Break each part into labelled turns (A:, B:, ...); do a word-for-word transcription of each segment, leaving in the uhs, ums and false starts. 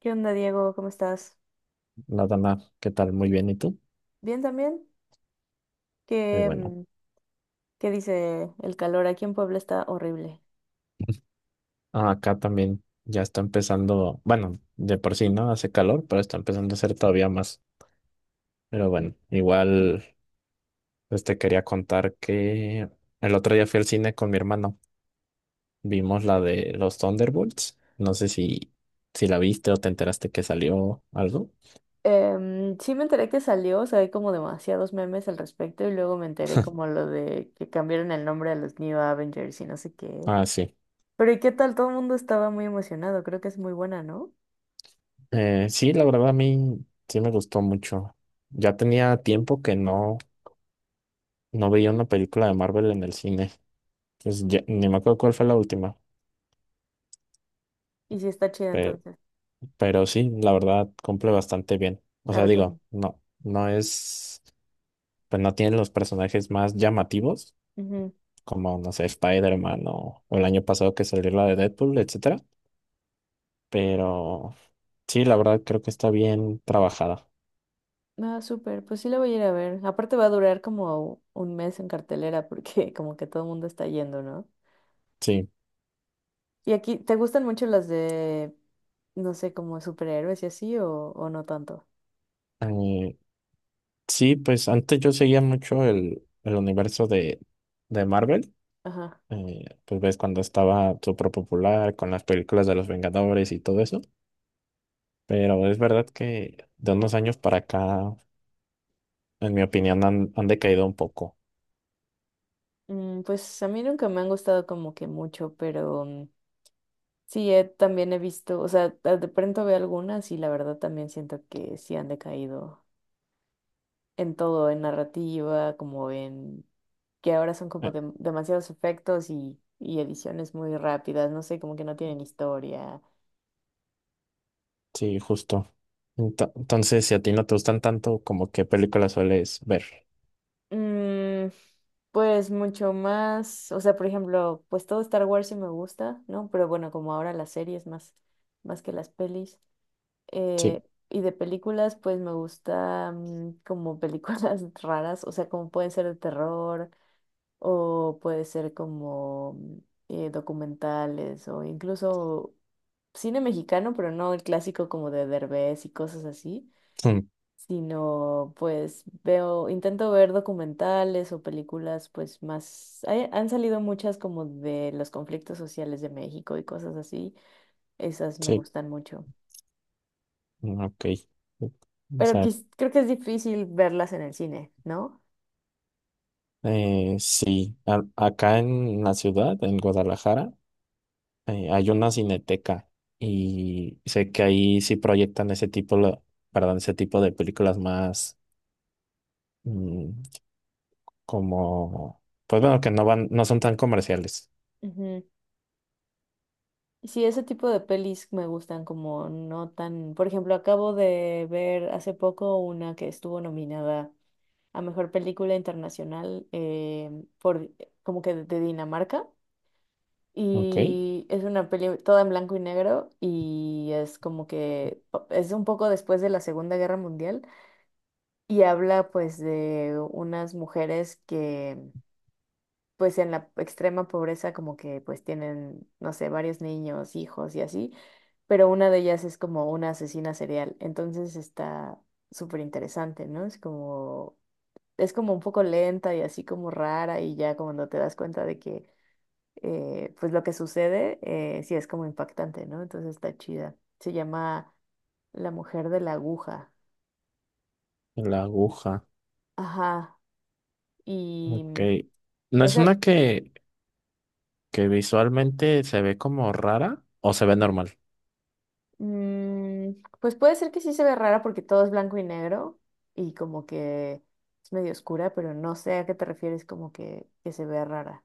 A: ¿Qué onda, Diego? ¿Cómo estás?
B: Nada más, ¿qué tal? Muy bien, ¿y tú?
A: ¿Bien también?
B: Qué
A: ¿Qué,
B: bueno.
A: mm, qué dice el calor? Aquí en Puebla está horrible.
B: Ah, acá también ya está empezando, bueno, de por sí, ¿no? Hace calor, pero está empezando a hacer todavía más. Pero bueno, igual, pues te quería contar que el otro día fui al cine con mi hermano. Vimos la de los Thunderbolts. No sé si, si la viste o te enteraste que salió algo.
A: Em, sí me enteré que salió, o sea, hay como demasiados memes al respecto y luego me enteré como lo de que cambiaron el nombre a los New Avengers y no sé qué.
B: Ah, sí.
A: Pero ¿y qué tal? Todo el mundo estaba muy emocionado, creo que es muy buena, ¿no?
B: Eh, sí, la verdad a mí sí me gustó mucho. Ya tenía tiempo que no, no veía una película de Marvel en el cine. Pues ya- ni me acuerdo cuál fue la última,
A: Y sí está chida
B: pero,
A: entonces,
B: pero sí, la verdad cumple bastante bien. O
A: la
B: sea,
A: recomiendo.
B: digo, no, no es, pues no tiene los personajes más llamativos,
A: Ujú.
B: como, no sé, Spider-Man o, o el año pasado que salió la de Deadpool, etcétera. Pero sí, la verdad creo que está bien trabajada.
A: Ah, súper, pues sí la voy a ir a ver. Aparte va a durar como un mes en cartelera porque como que todo el mundo está yendo, ¿no?
B: Sí.
A: ¿Y aquí te gustan mucho las de, no sé, como superhéroes y así o, o no tanto?
B: Eh, sí, pues antes yo seguía mucho el, el universo de, de Marvel.
A: Ajá.
B: Eh, pues ves cuando estaba súper popular con las películas de los Vengadores y todo eso. Pero es verdad que de unos años para acá, en mi opinión, han, han decaído un poco.
A: Mm, pues a mí nunca me han gustado como que mucho, pero mm, sí, he- también he visto, o sea, de de pronto veo algunas y la verdad también siento que sí han decaído en todo, en narrativa, como en que ahora son como
B: Eh,
A: dem- demasiados efectos y, y ediciones muy rápidas, no sé, como que no tienen historia.
B: sí, justo. Ento- Entonces, si a ti no te gustan tanto, ¿como qué películas sueles ver?
A: Mm, pues mucho más, o sea, por ejemplo, pues todo Star Wars sí me gusta, ¿no? Pero bueno, como ahora las series más, más que las pelis. Eh,
B: Sí,
A: y de películas, pues me gusta mm, como películas raras, o sea, como pueden ser de terror o puede ser como mm, eh, documentales o incluso cine mexicano, pero no el clásico como de Derbez y cosas así,
B: mm,
A: sino pues veo, intento ver documentales o películas pues más, hay- han salido muchas como de los conflictos sociales de México y cosas así, esas me
B: sí,
A: gustan mucho,
B: mm, ok. O
A: pero
B: sea,
A: quis- creo que es difícil verlas en el cine, ¿no?
B: eh, sí, a- acá en la ciudad, en Guadalajara, eh, hay una cineteca y sé que ahí sí proyectan ese tipo, lo- perdón, ese tipo de películas más. mm, Como, pues bueno, que no van, no son tan comerciales.
A: Ujú. Sí, ese tipo de pelis me gustan como no tan, por ejemplo, acabo de ver hace poco una que estuvo nominada a Mejor Película Internacional, eh, por como que de de Dinamarca.
B: Ok,
A: Y es una peli toda en blanco y negro y es como que pa- es un poco después de la Segunda Guerra Mundial y habla pues de unas mujeres que pues en la extrema pobreza como que pues tienen, no sé, varios niños, hijos y así, pero una de ellas es como una asesina serial. Entonces está súper interesante, ¿no? Es como, es como un poco lenta y así como rara y ya cuando te das cuenta de que, eh, pues lo que sucede, eh, sí es como impactante, ¿no? Entonces está chida. Se llama La Mujer de la Aguja.
B: la aguja.
A: Ajá. Y
B: Ok.
A: mm,
B: ¿No es
A: esa,
B: una que, que visualmente se ve como rara o se ve normal?
A: mm, pues puede ser que sí se ve rara porque todo es blanco y negro y como que es medio oscura, pero no sé a qué te refieres como que, que se ve rara.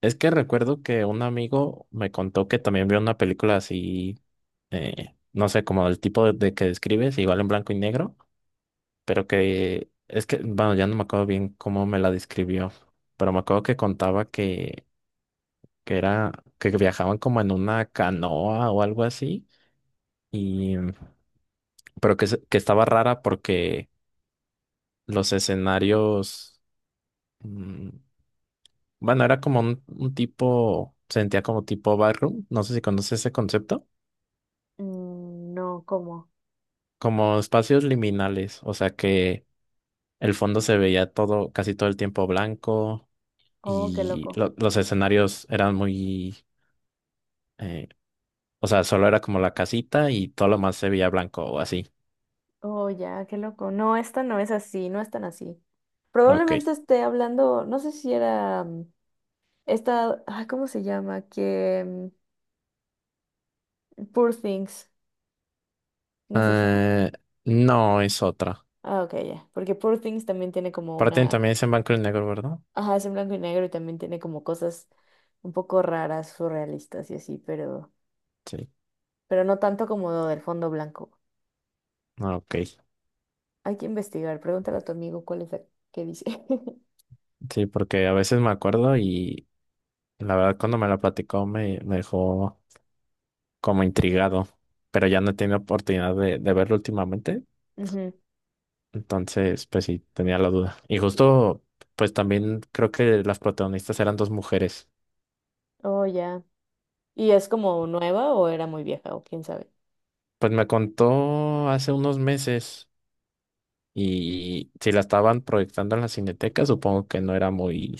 B: Es que recuerdo que un amigo me contó que también vio una película así, eh, no sé, como el tipo de, de que describes, igual en blanco y negro, pero que es que, bueno, ya no me acuerdo bien cómo me la describió, pero me acuerdo que contaba que, que era, que viajaban como en una canoa o algo así. Y pero que, se- que estaba rara porque los escenarios, mm, bueno, era como un, un tipo, sentía como tipo barroom, no sé si conoces ese concepto,
A: Mm, no, ¿cómo?
B: como espacios liminales, o sea que el fondo se veía todo, casi todo el tiempo blanco
A: Oh, qué
B: y
A: loco.
B: lo- los escenarios eran muy, eh, o sea, solo era como la casita y todo lo más se veía blanco o así.
A: Oh, ya, qué loco. No, esta no es así, no es tan así.
B: Ok.
A: Probablemente esté hablando, no sé si era... Esta, ah, ¿cómo se llama? Que mm, Poor Things, ¿no es esa?
B: Eh, no, es otra.
A: Ah, ok, ya. Porque Poor Things también tiene como
B: Aparte
A: una,
B: también es en blanco y negro, ¿verdad?
A: ajá, es en blanco y negro y también tiene como cosas un poco raras, surrealistas y así, pero,
B: Sí.
A: pero no tanto como lo del fondo blanco.
B: Ah, ok.
A: Hay que investigar, pregúntale a tu amigo cuál es la que dice.
B: Sí, porque a veces me acuerdo y la verdad cuando me la platicó me, me dejó como intrigado, pero ya no he tenido oportunidad de, de verlo últimamente,
A: Ujú.
B: entonces pues sí, tenía la duda. Y justo pues también creo que las protagonistas eran dos mujeres.
A: Oh, ya. ¿Y es como nueva o era muy vieja o quién sabe?
B: Pues me contó hace unos meses y si la estaban proyectando en la Cineteca, supongo que no era muy,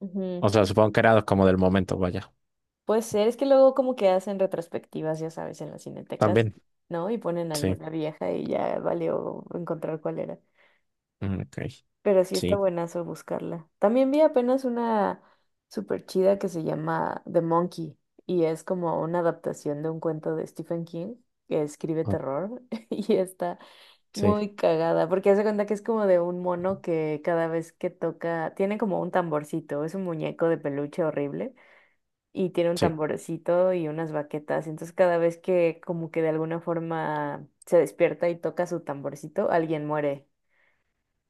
A: Ujú.
B: o sea, supongo que era como del momento, vaya.
A: Puede ser, es que luego como que hacen retrospectivas, ya sabes, en las cinetecas,
B: También,
A: ¿no? Y ponen
B: sí,
A: alguna vieja y ya valió encontrar cuál era.
B: mm, ok,
A: Pero sí está
B: sí,
A: buenazo buscarla. También vi apenas una súper chida que se llama The Monkey y es como una adaptación de un cuento de Stephen King que escribe
B: o-
A: terror y está
B: sí,
A: muy cagada porque hace cuenta que es como de un mono que cada vez que toca, tiene como un tamborcito, es un muñeco de peluche horrible y tiene un
B: sí,
A: tamborcito y unas baquetas. Entonces cada vez que como que de alguna forma se despierta y toca su tamborcito, alguien muere.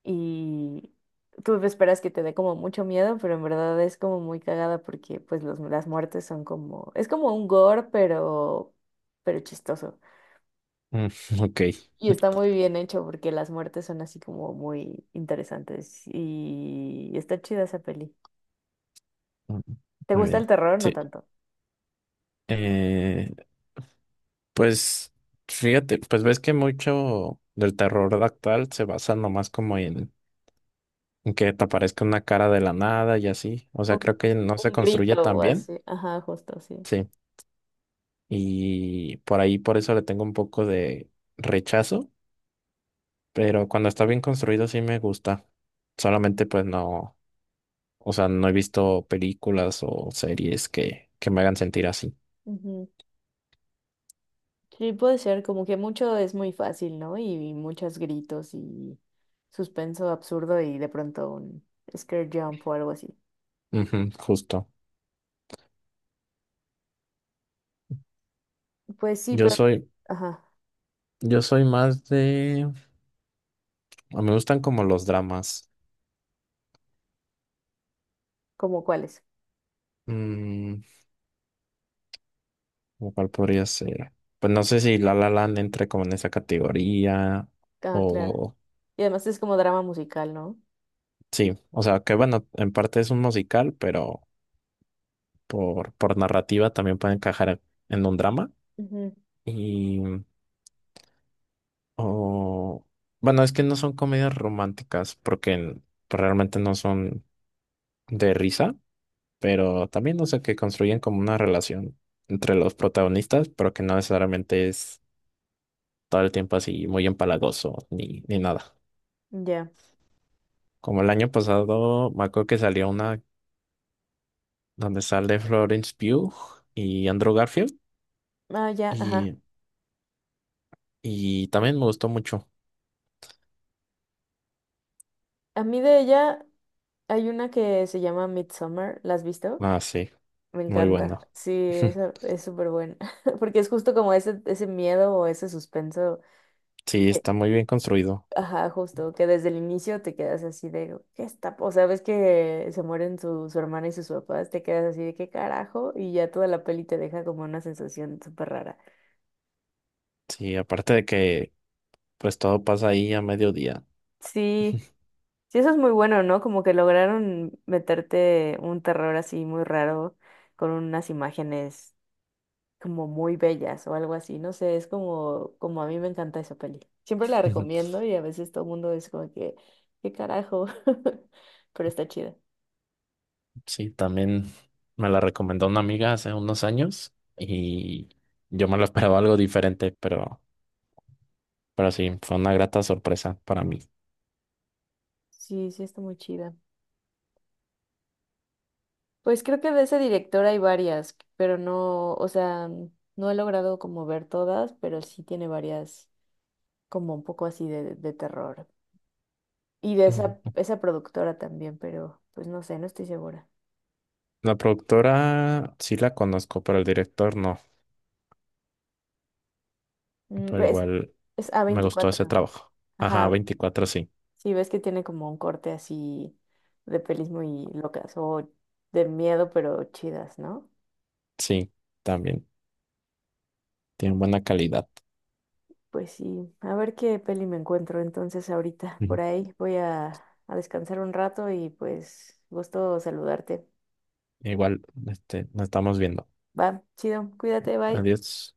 A: Y tú esperas que te dé como mucho miedo, pero en verdad es como muy cagada porque pues los, las muertes son como... Es como un gore, pero, pero chistoso.
B: mm, ok.
A: Y está muy bien hecho porque las muertes son así como muy interesantes. Y está chida esa peli.
B: Mm,
A: ¿Te
B: Muy
A: gusta el
B: bien.
A: terror? No
B: Sí.
A: tanto.
B: Eh, pues fíjate, pues ves que mucho del terror actual se basa nomás como en, en que te aparezca una cara de la nada y así. O sea,
A: Un,
B: creo que no se
A: un
B: construye
A: grito
B: tan
A: o
B: bien.
A: así. Ajá, justo, sí.
B: Sí. Y por ahí, por eso le tengo un poco de rechazo, pero cuando está bien construido sí me gusta. Solamente pues no, o sea, no he visto películas o series que, que me hagan sentir así.
A: Ujú. Sí, puede ser, como que mucho es muy fácil, ¿no? Y muchos gritos y suspenso absurdo y de pronto un scare jump o algo así.
B: Ujú, justo.
A: Pues sí,
B: Yo
A: pero,
B: soy,
A: ajá,
B: yo soy más de... A mí me gustan como los dramas.
A: ¿como cuáles?
B: Mm, ¿O cuál podría ser? Pues no sé si La La Land entre como en esa categoría
A: Ah, claro.
B: o...
A: Y además es como drama musical, ¿no?
B: Sí, o sea, que bueno, en parte es un musical, pero por, por narrativa también puede encajar en un drama.
A: Ujú,
B: Y... O... Bueno, es que no son comedias románticas porque n- pues realmente no son de risa. Pero también, no sé, que construyen como una relación entre los protagonistas, pero que no necesariamente es todo el tiempo así muy empalagoso ni, ni nada.
A: ya.
B: Como el año pasado, me acuerdo que salió una donde sale Florence Pugh y Andrew Garfield,
A: Ah, ya, ajá.
B: y, y también me gustó mucho.
A: A mí de ella hay una que se llama Midsommar, ¿la has visto?
B: Ah, sí,
A: Me
B: muy
A: encanta.
B: bueno.
A: Sí, esa es súper buena, porque es justo como ese, ese miedo o ese suspenso.
B: Sí, está muy bien construido.
A: Ajá, justo, que desde el inicio te quedas así de, ¿qué está? O sea, ves que se mueren su, su hermana y sus papás, te quedas así de, ¿qué carajo? Y ya toda la peli te deja como una sensación súper rara.
B: Sí, aparte de que pues todo pasa ahí a mediodía.
A: Sí, sí, eso es muy bueno, ¿no? Como que lograron meterte un terror así muy raro con unas imágenes como muy bellas o algo así, no sé, es como, como a mí me encanta esa peli. Siempre la recomiendo y a veces todo el mundo es como que, ¿qué carajo? Pero está chida.
B: Sí, también me la recomendó una amiga hace unos años y yo me lo esperaba algo diferente, pero, pero sí, fue una grata sorpresa para mí.
A: Sí, sí, está muy chida. Pues creo que de ese director hay varias, pero no, o sea, no he logrado como ver todas, pero sí tiene varias como un poco así de, de terror. Y de esa,
B: Mm.
A: esa productora también, pero pues no sé, no estoy segura.
B: La productora sí la conozco, pero el director no,
A: Mm,
B: pero
A: Es,
B: igual
A: es a
B: me gustó ese
A: veinticuatro.
B: trabajo. Ajá,
A: Ajá,
B: veinticuatro sí,
A: sí ves que tiene como un corte así de pelis muy locas o de miedo, pero chidas, ¿no?
B: sí, también, tiene buena calidad.
A: Pues sí, a ver qué peli me encuentro entonces ahorita. Por
B: Ujú.
A: ahí voy a, a descansar un rato y pues gusto saludarte.
B: Igual, este, nos estamos viendo.
A: Va, chido, cuídate, bye.
B: Adiós.